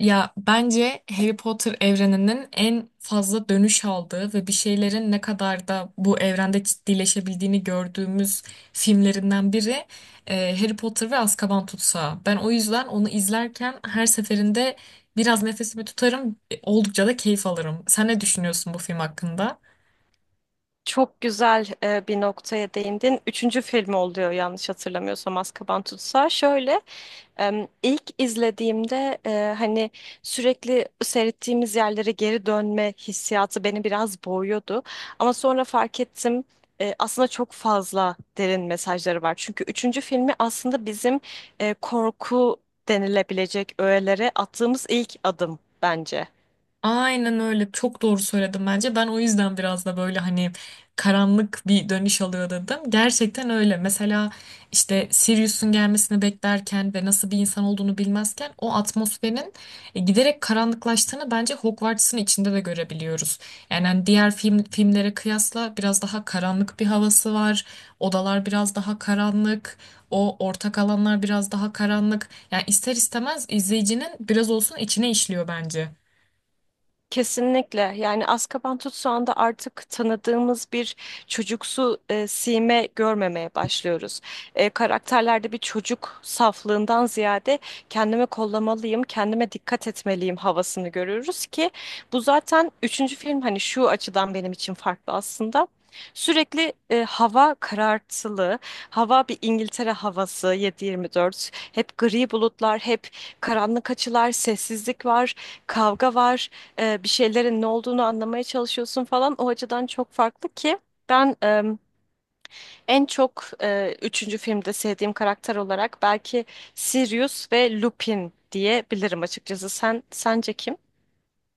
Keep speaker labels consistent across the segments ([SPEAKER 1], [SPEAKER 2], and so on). [SPEAKER 1] Ya bence Harry Potter evreninin en fazla dönüş aldığı ve bir şeylerin ne kadar da bu evrende ciddileşebildiğini gördüğümüz filmlerinden biri Harry Potter ve Azkaban Tutsağı. Ben o yüzden onu izlerken her seferinde biraz nefesimi tutarım, oldukça da keyif alırım. Sen ne düşünüyorsun bu film hakkında?
[SPEAKER 2] Çok güzel bir noktaya değindin. Üçüncü filmi oluyor yanlış hatırlamıyorsam Azkaban Tutsağı. Şöyle ilk izlediğimde hani sürekli seyrettiğimiz yerlere geri dönme hissiyatı beni biraz boğuyordu. Ama sonra fark ettim aslında çok fazla derin mesajları var. Çünkü üçüncü filmi aslında bizim korku denilebilecek öğelere attığımız ilk adım bence.
[SPEAKER 1] Aynen öyle. Çok doğru söyledim bence. Ben o yüzden biraz da böyle hani karanlık bir dönüş alıyor dedim. Gerçekten öyle. Mesela işte Sirius'un gelmesini beklerken ve nasıl bir insan olduğunu bilmezken o atmosferin giderek karanlıklaştığını bence Hogwarts'ın içinde de görebiliyoruz. Yani hani diğer filmlere kıyasla biraz daha karanlık bir havası var. Odalar biraz daha karanlık. O ortak alanlar biraz daha karanlık. Yani ister istemez izleyicinin biraz olsun içine işliyor bence.
[SPEAKER 2] Kesinlikle yani Azkaban anda artık tanıdığımız bir çocuksu sime görmemeye başlıyoruz. Karakterlerde bir çocuk saflığından ziyade kendime kollamalıyım, kendime dikkat etmeliyim havasını görüyoruz ki bu zaten üçüncü film hani şu açıdan benim için farklı aslında. Sürekli hava karartılı, hava bir İngiltere havası 7-24. Hep gri bulutlar, hep karanlık açılar, sessizlik var, kavga var bir şeylerin ne olduğunu anlamaya çalışıyorsun falan. O açıdan çok farklı ki ben en çok üçüncü filmde sevdiğim karakter olarak belki Sirius ve Lupin diyebilirim açıkçası. Sen sence kim?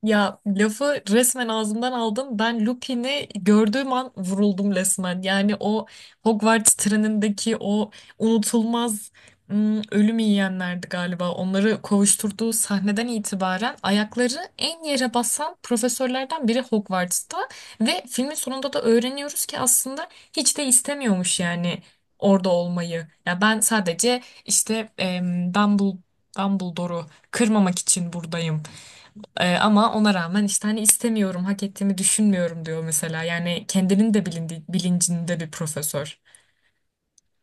[SPEAKER 1] Ya lafı resmen ağzımdan aldım. Ben Lupin'i gördüğüm an vuruldum resmen. Yani o Hogwarts trenindeki o unutulmaz ölüm yiyenlerdi galiba. Onları kovuşturduğu sahneden itibaren ayakları en yere basan profesörlerden biri Hogwarts'ta. Ve filmin sonunda da öğreniyoruz ki aslında hiç de istemiyormuş yani orada olmayı. Ya ben sadece işte Dumbledore'u kırmamak için buradayım, ama ona rağmen işte hani istemiyorum, hak ettiğimi düşünmüyorum diyor mesela. Yani kendinin de bilincinde bir profesör.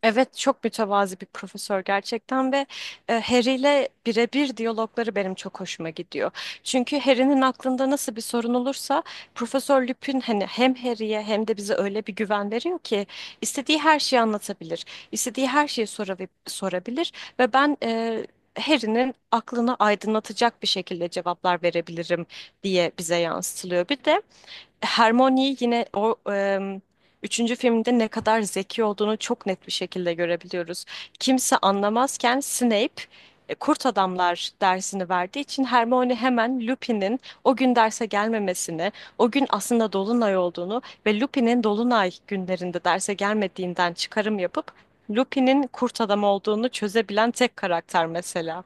[SPEAKER 2] Evet çok mütevazi bir profesör gerçekten ve Harry ile birebir diyalogları benim çok hoşuma gidiyor. Çünkü Harry'nin aklında nasıl bir sorun olursa Profesör Lupin hani hem Harry'ye hem de bize öyle bir güven veriyor ki istediği her şeyi anlatabilir. İstediği her şeyi sorabilir ve ben Harry'nin aklını aydınlatacak bir şekilde cevaplar verebilirim diye bize yansıtılıyor. Bir de Hermione yine o üçüncü filmde ne kadar zeki olduğunu çok net bir şekilde görebiliyoruz. Kimse anlamazken Snape Kurt Adamlar dersini verdiği için Hermione hemen Lupin'in o gün derse gelmemesini, o gün aslında Dolunay olduğunu ve Lupin'in Dolunay günlerinde derse gelmediğinden çıkarım yapıp Lupin'in Kurt Adam olduğunu çözebilen tek karakter mesela.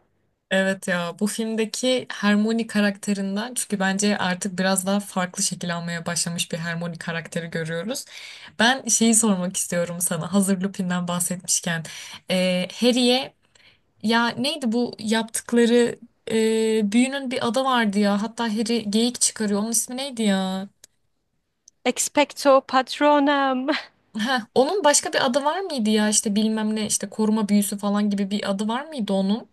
[SPEAKER 1] Evet ya bu filmdeki Hermione karakterinden, çünkü bence artık biraz daha farklı şekil almaya başlamış bir Hermione karakteri görüyoruz. Ben şeyi sormak istiyorum sana, hazır Lupin'den bahsetmişken. Harry'e ya neydi bu yaptıkları, büyünün bir adı vardı ya, hatta Harry geyik çıkarıyor, onun ismi neydi ya?
[SPEAKER 2] Expecto Patronum,
[SPEAKER 1] Heh, onun başka bir adı var mıydı ya, işte bilmem ne, işte koruma büyüsü falan gibi bir adı var mıydı onun?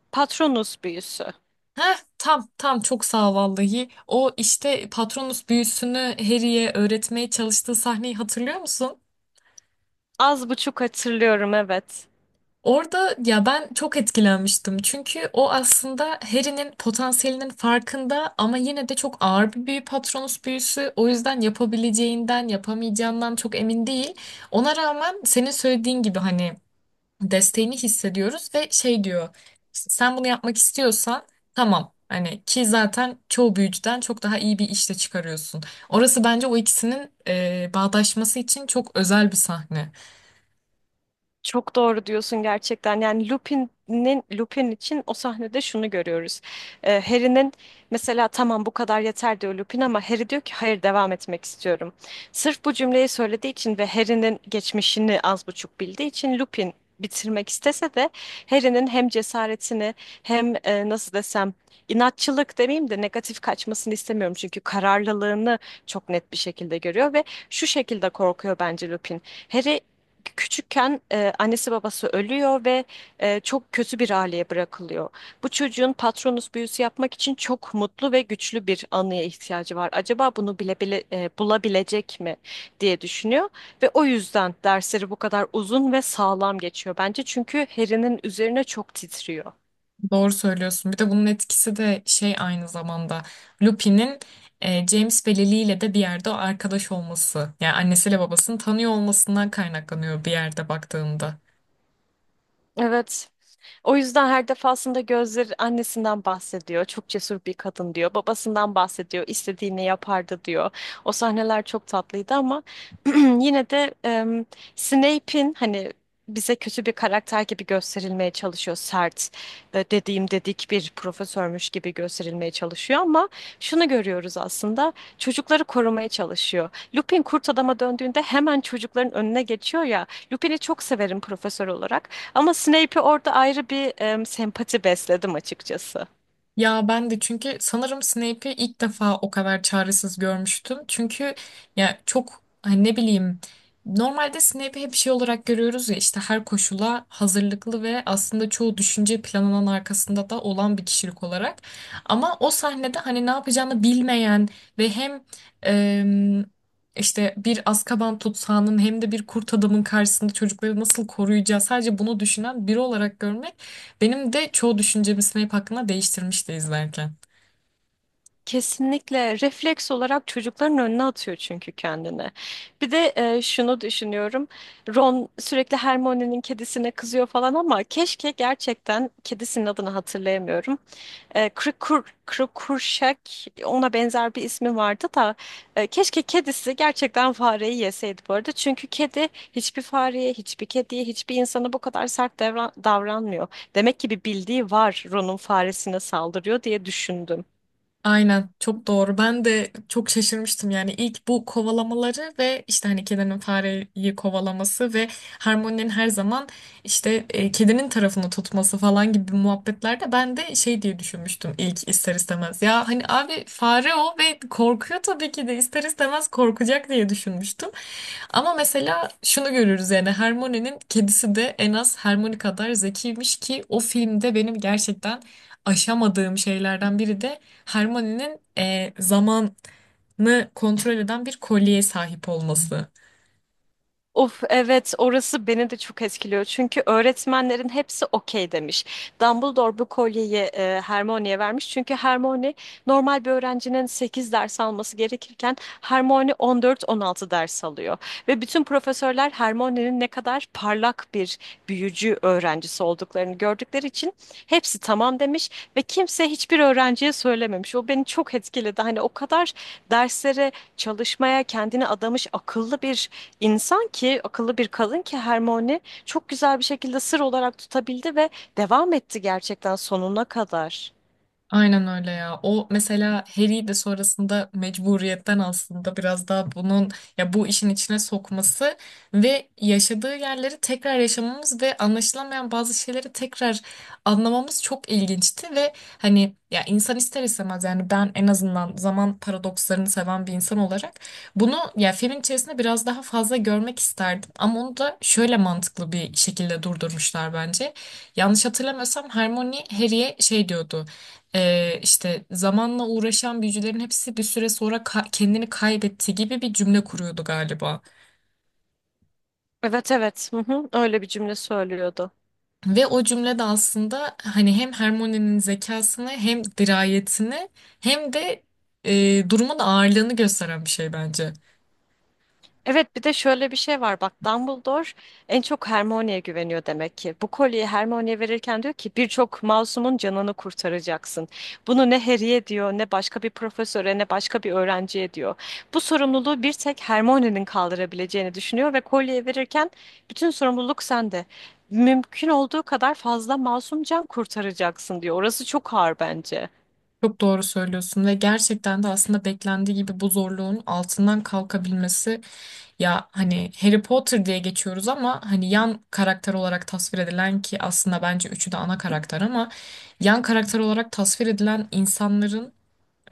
[SPEAKER 2] Patronus büyüsü.
[SPEAKER 1] Heh, tam tam, çok sağ ol vallahi. O işte Patronus büyüsünü Harry'e öğretmeye çalıştığı sahneyi hatırlıyor musun?
[SPEAKER 2] Az buçuk hatırlıyorum evet.
[SPEAKER 1] Orada ya ben çok etkilenmiştim. Çünkü o aslında Harry'nin potansiyelinin farkında, ama yine de çok ağır bir büyü Patronus büyüsü. O yüzden yapabileceğinden, yapamayacağından çok emin değil. Ona rağmen senin söylediğin gibi hani desteğini hissediyoruz ve şey diyor, işte sen bunu yapmak istiyorsan tamam hani, ki zaten çoğu büyücüden çok daha iyi bir işte çıkarıyorsun. Orası bence o ikisinin bağdaşması için çok özel bir sahne.
[SPEAKER 2] Çok doğru diyorsun gerçekten. Yani Lupin için o sahnede şunu görüyoruz. Harry'nin mesela tamam bu kadar yeter diyor Lupin ama Harry diyor ki hayır devam etmek istiyorum. Sırf bu cümleyi söylediği için ve Harry'nin geçmişini az buçuk bildiği için Lupin bitirmek istese de Harry'nin hem cesaretini hem nasıl desem inatçılık demeyeyim de negatif kaçmasını istemiyorum çünkü kararlılığını çok net bir şekilde görüyor ve şu şekilde korkuyor bence Lupin. Harry küçükken annesi babası ölüyor ve çok kötü bir aileye bırakılıyor. Bu çocuğun Patronus büyüsü yapmak için çok mutlu ve güçlü bir anıya ihtiyacı var. Acaba bunu bile bile bulabilecek mi diye düşünüyor ve o yüzden dersleri bu kadar uzun ve sağlam geçiyor bence çünkü Harry'nin üzerine çok titriyor.
[SPEAKER 1] Doğru söylüyorsun. Bir de bunun etkisi de şey, aynı zamanda Lupin'in James ve Lily ile de bir yerde o arkadaş olması, yani annesiyle babasını tanıyor olmasından kaynaklanıyor bir yerde baktığında.
[SPEAKER 2] Evet. O yüzden her defasında gözleri annesinden bahsediyor. Çok cesur bir kadın diyor. Babasından bahsediyor. İstediğini yapardı diyor. O sahneler çok tatlıydı ama yine de Snape'in hani bize kötü bir karakter gibi gösterilmeye çalışıyor. Sert, dediğim dedik bir profesörmüş gibi gösterilmeye çalışıyor ama şunu görüyoruz aslında. Çocukları korumaya çalışıyor. Lupin kurt adama döndüğünde hemen çocukların önüne geçiyor ya. Lupin'i çok severim profesör olarak. Ama Snape'e orada ayrı bir sempati besledim açıkçası.
[SPEAKER 1] Ya ben de, çünkü sanırım Snape'i ilk defa o kadar çaresiz görmüştüm. Çünkü ya çok hani ne bileyim, normalde Snape'i hep şey olarak görüyoruz ya, işte her koşula hazırlıklı ve aslında çoğu düşünce planının arkasında da olan bir kişilik olarak. Ama o sahnede hani ne yapacağını bilmeyen ve hem em, işte bir Azkaban tutsağının hem de bir kurt adamın karşısında çocukları nasıl koruyacağı, sadece bunu düşünen biri olarak görmek benim de çoğu düşüncemi Snape hakkında değiştirmişti izlerken.
[SPEAKER 2] Kesinlikle refleks olarak çocukların önüne atıyor çünkü kendini. Bir de şunu düşünüyorum. Ron sürekli Hermione'nin kedisine kızıyor falan ama keşke gerçekten kedisinin adını hatırlayamıyorum. Krikur, Krikurşak ona benzer bir ismi vardı da keşke kedisi gerçekten fareyi yeseydi bu arada. Çünkü kedi hiçbir fareye, hiçbir kediye, hiçbir insana bu kadar sert davranmıyor. Demek ki bir bildiği var Ron'un faresine saldırıyor diye düşündüm.
[SPEAKER 1] Aynen, çok doğru. Ben de çok şaşırmıştım, yani ilk bu kovalamaları ve işte hani kedinin fareyi kovalaması ve Harmony'nin her zaman işte kedinin tarafını tutması falan gibi muhabbetlerde ben de şey diye düşünmüştüm ilk, ister istemez. Ya hani abi fare o ve korkuyor, tabii ki de ister istemez korkacak diye düşünmüştüm. Ama mesela şunu görürüz, yani Hermione'nin kedisi de en az Hermione kadar zekiymiş, ki o filmde benim gerçekten aşamadığım şeylerden biri de Hermione'nin zamanı kontrol eden bir kolyeye sahip olması.
[SPEAKER 2] Of, evet, orası beni de çok etkiliyor. Çünkü öğretmenlerin hepsi okey demiş. Dumbledore bu kolyeyi Hermione'ye vermiş. Çünkü Hermione normal bir öğrencinin 8 ders alması gerekirken Hermione 14-16 ders alıyor. Ve bütün profesörler Hermione'nin ne kadar parlak bir büyücü öğrencisi olduklarını gördükleri için hepsi tamam demiş ve kimse hiçbir öğrenciye söylememiş. O beni çok etkiledi. Hani o kadar derslere çalışmaya kendini adamış akıllı bir insan ki, akıllı bir kadın ki Hermione çok güzel bir şekilde sır olarak tutabildi ve devam etti gerçekten sonuna kadar.
[SPEAKER 1] Aynen öyle ya. O mesela Harry de sonrasında mecburiyetten aslında biraz daha bunun, ya bu işin içine sokması ve yaşadığı yerleri tekrar yaşamamız ve anlaşılamayan bazı şeyleri tekrar anlamamız çok ilginçti ve hani ya, insan ister istemez, yani ben en azından zaman paradokslarını seven bir insan olarak bunu ya filmin içerisinde biraz daha fazla görmek isterdim, ama onu da şöyle mantıklı bir şekilde durdurmuşlar bence. Yanlış hatırlamıyorsam Hermione Harry'e şey diyordu, işte zamanla uğraşan büyücülerin hepsi bir süre sonra kendini kaybetti gibi bir cümle kuruyordu galiba.
[SPEAKER 2] Evet, evet, hı hı, öyle bir cümle söylüyordu.
[SPEAKER 1] Ve o cümle de aslında hani hem Hermione'nin zekasını, hem dirayetini, hem de durumun ağırlığını gösteren bir şey bence.
[SPEAKER 2] Evet, bir de şöyle bir şey var bak, Dumbledore en çok Hermione'ye güveniyor demek ki. Bu kolyeyi Hermione'ye verirken diyor ki birçok masumun canını kurtaracaksın. Bunu ne Harry'e diyor, ne başka bir profesöre, ne başka bir öğrenciye diyor. Bu sorumluluğu bir tek Hermione'nin kaldırabileceğini düşünüyor ve kolyeyi verirken bütün sorumluluk sende. Mümkün olduğu kadar fazla masum can kurtaracaksın diyor. Orası çok ağır bence.
[SPEAKER 1] Çok doğru söylüyorsun ve gerçekten de aslında beklendiği gibi bu zorluğun altından kalkabilmesi, ya hani Harry Potter diye geçiyoruz ama hani yan karakter olarak tasvir edilen, ki aslında bence üçü de ana karakter, ama yan karakter olarak tasvir edilen insanların,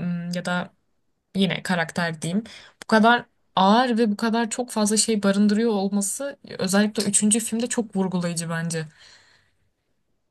[SPEAKER 1] ya da yine karakter diyeyim, bu kadar ağır ve bu kadar çok fazla şey barındırıyor olması özellikle üçüncü filmde çok vurgulayıcı bence.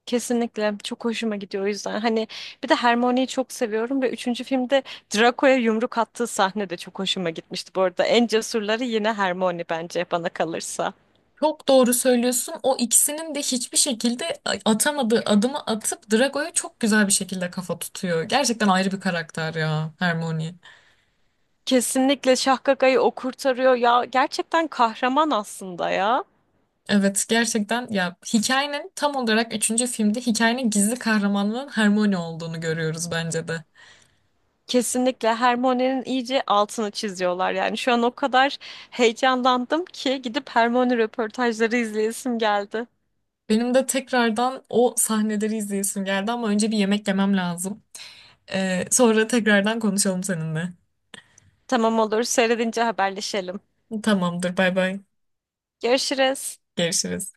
[SPEAKER 2] Kesinlikle çok hoşuma gidiyor o yüzden. Hani bir de Hermione'yi çok seviyorum ve üçüncü filmde Draco'ya yumruk attığı sahne de çok hoşuma gitmişti bu arada. En cesurları yine Hermione bence bana kalırsa.
[SPEAKER 1] Çok doğru söylüyorsun. O ikisinin de hiçbir şekilde atamadığı adımı atıp Drago'ya çok güzel bir şekilde kafa tutuyor. Gerçekten ayrı bir karakter ya Hermione.
[SPEAKER 2] Kesinlikle Şahkaka'yı o kurtarıyor ya. Gerçekten kahraman aslında ya.
[SPEAKER 1] Evet, gerçekten ya, hikayenin tam olarak üçüncü filmde hikayenin gizli kahramanının Hermione olduğunu görüyoruz bence de.
[SPEAKER 2] Kesinlikle Hermione'nin iyice altını çiziyorlar. Yani şu an o kadar heyecanlandım ki gidip Hermione röportajları izleyesim geldi.
[SPEAKER 1] Benim de tekrardan o sahneleri izleyesim geldi, ama önce bir yemek yemem lazım. Sonra tekrardan konuşalım seninle.
[SPEAKER 2] Tamam, olur, seyredince haberleşelim.
[SPEAKER 1] Tamamdır, bay bay.
[SPEAKER 2] Görüşürüz.
[SPEAKER 1] Görüşürüz.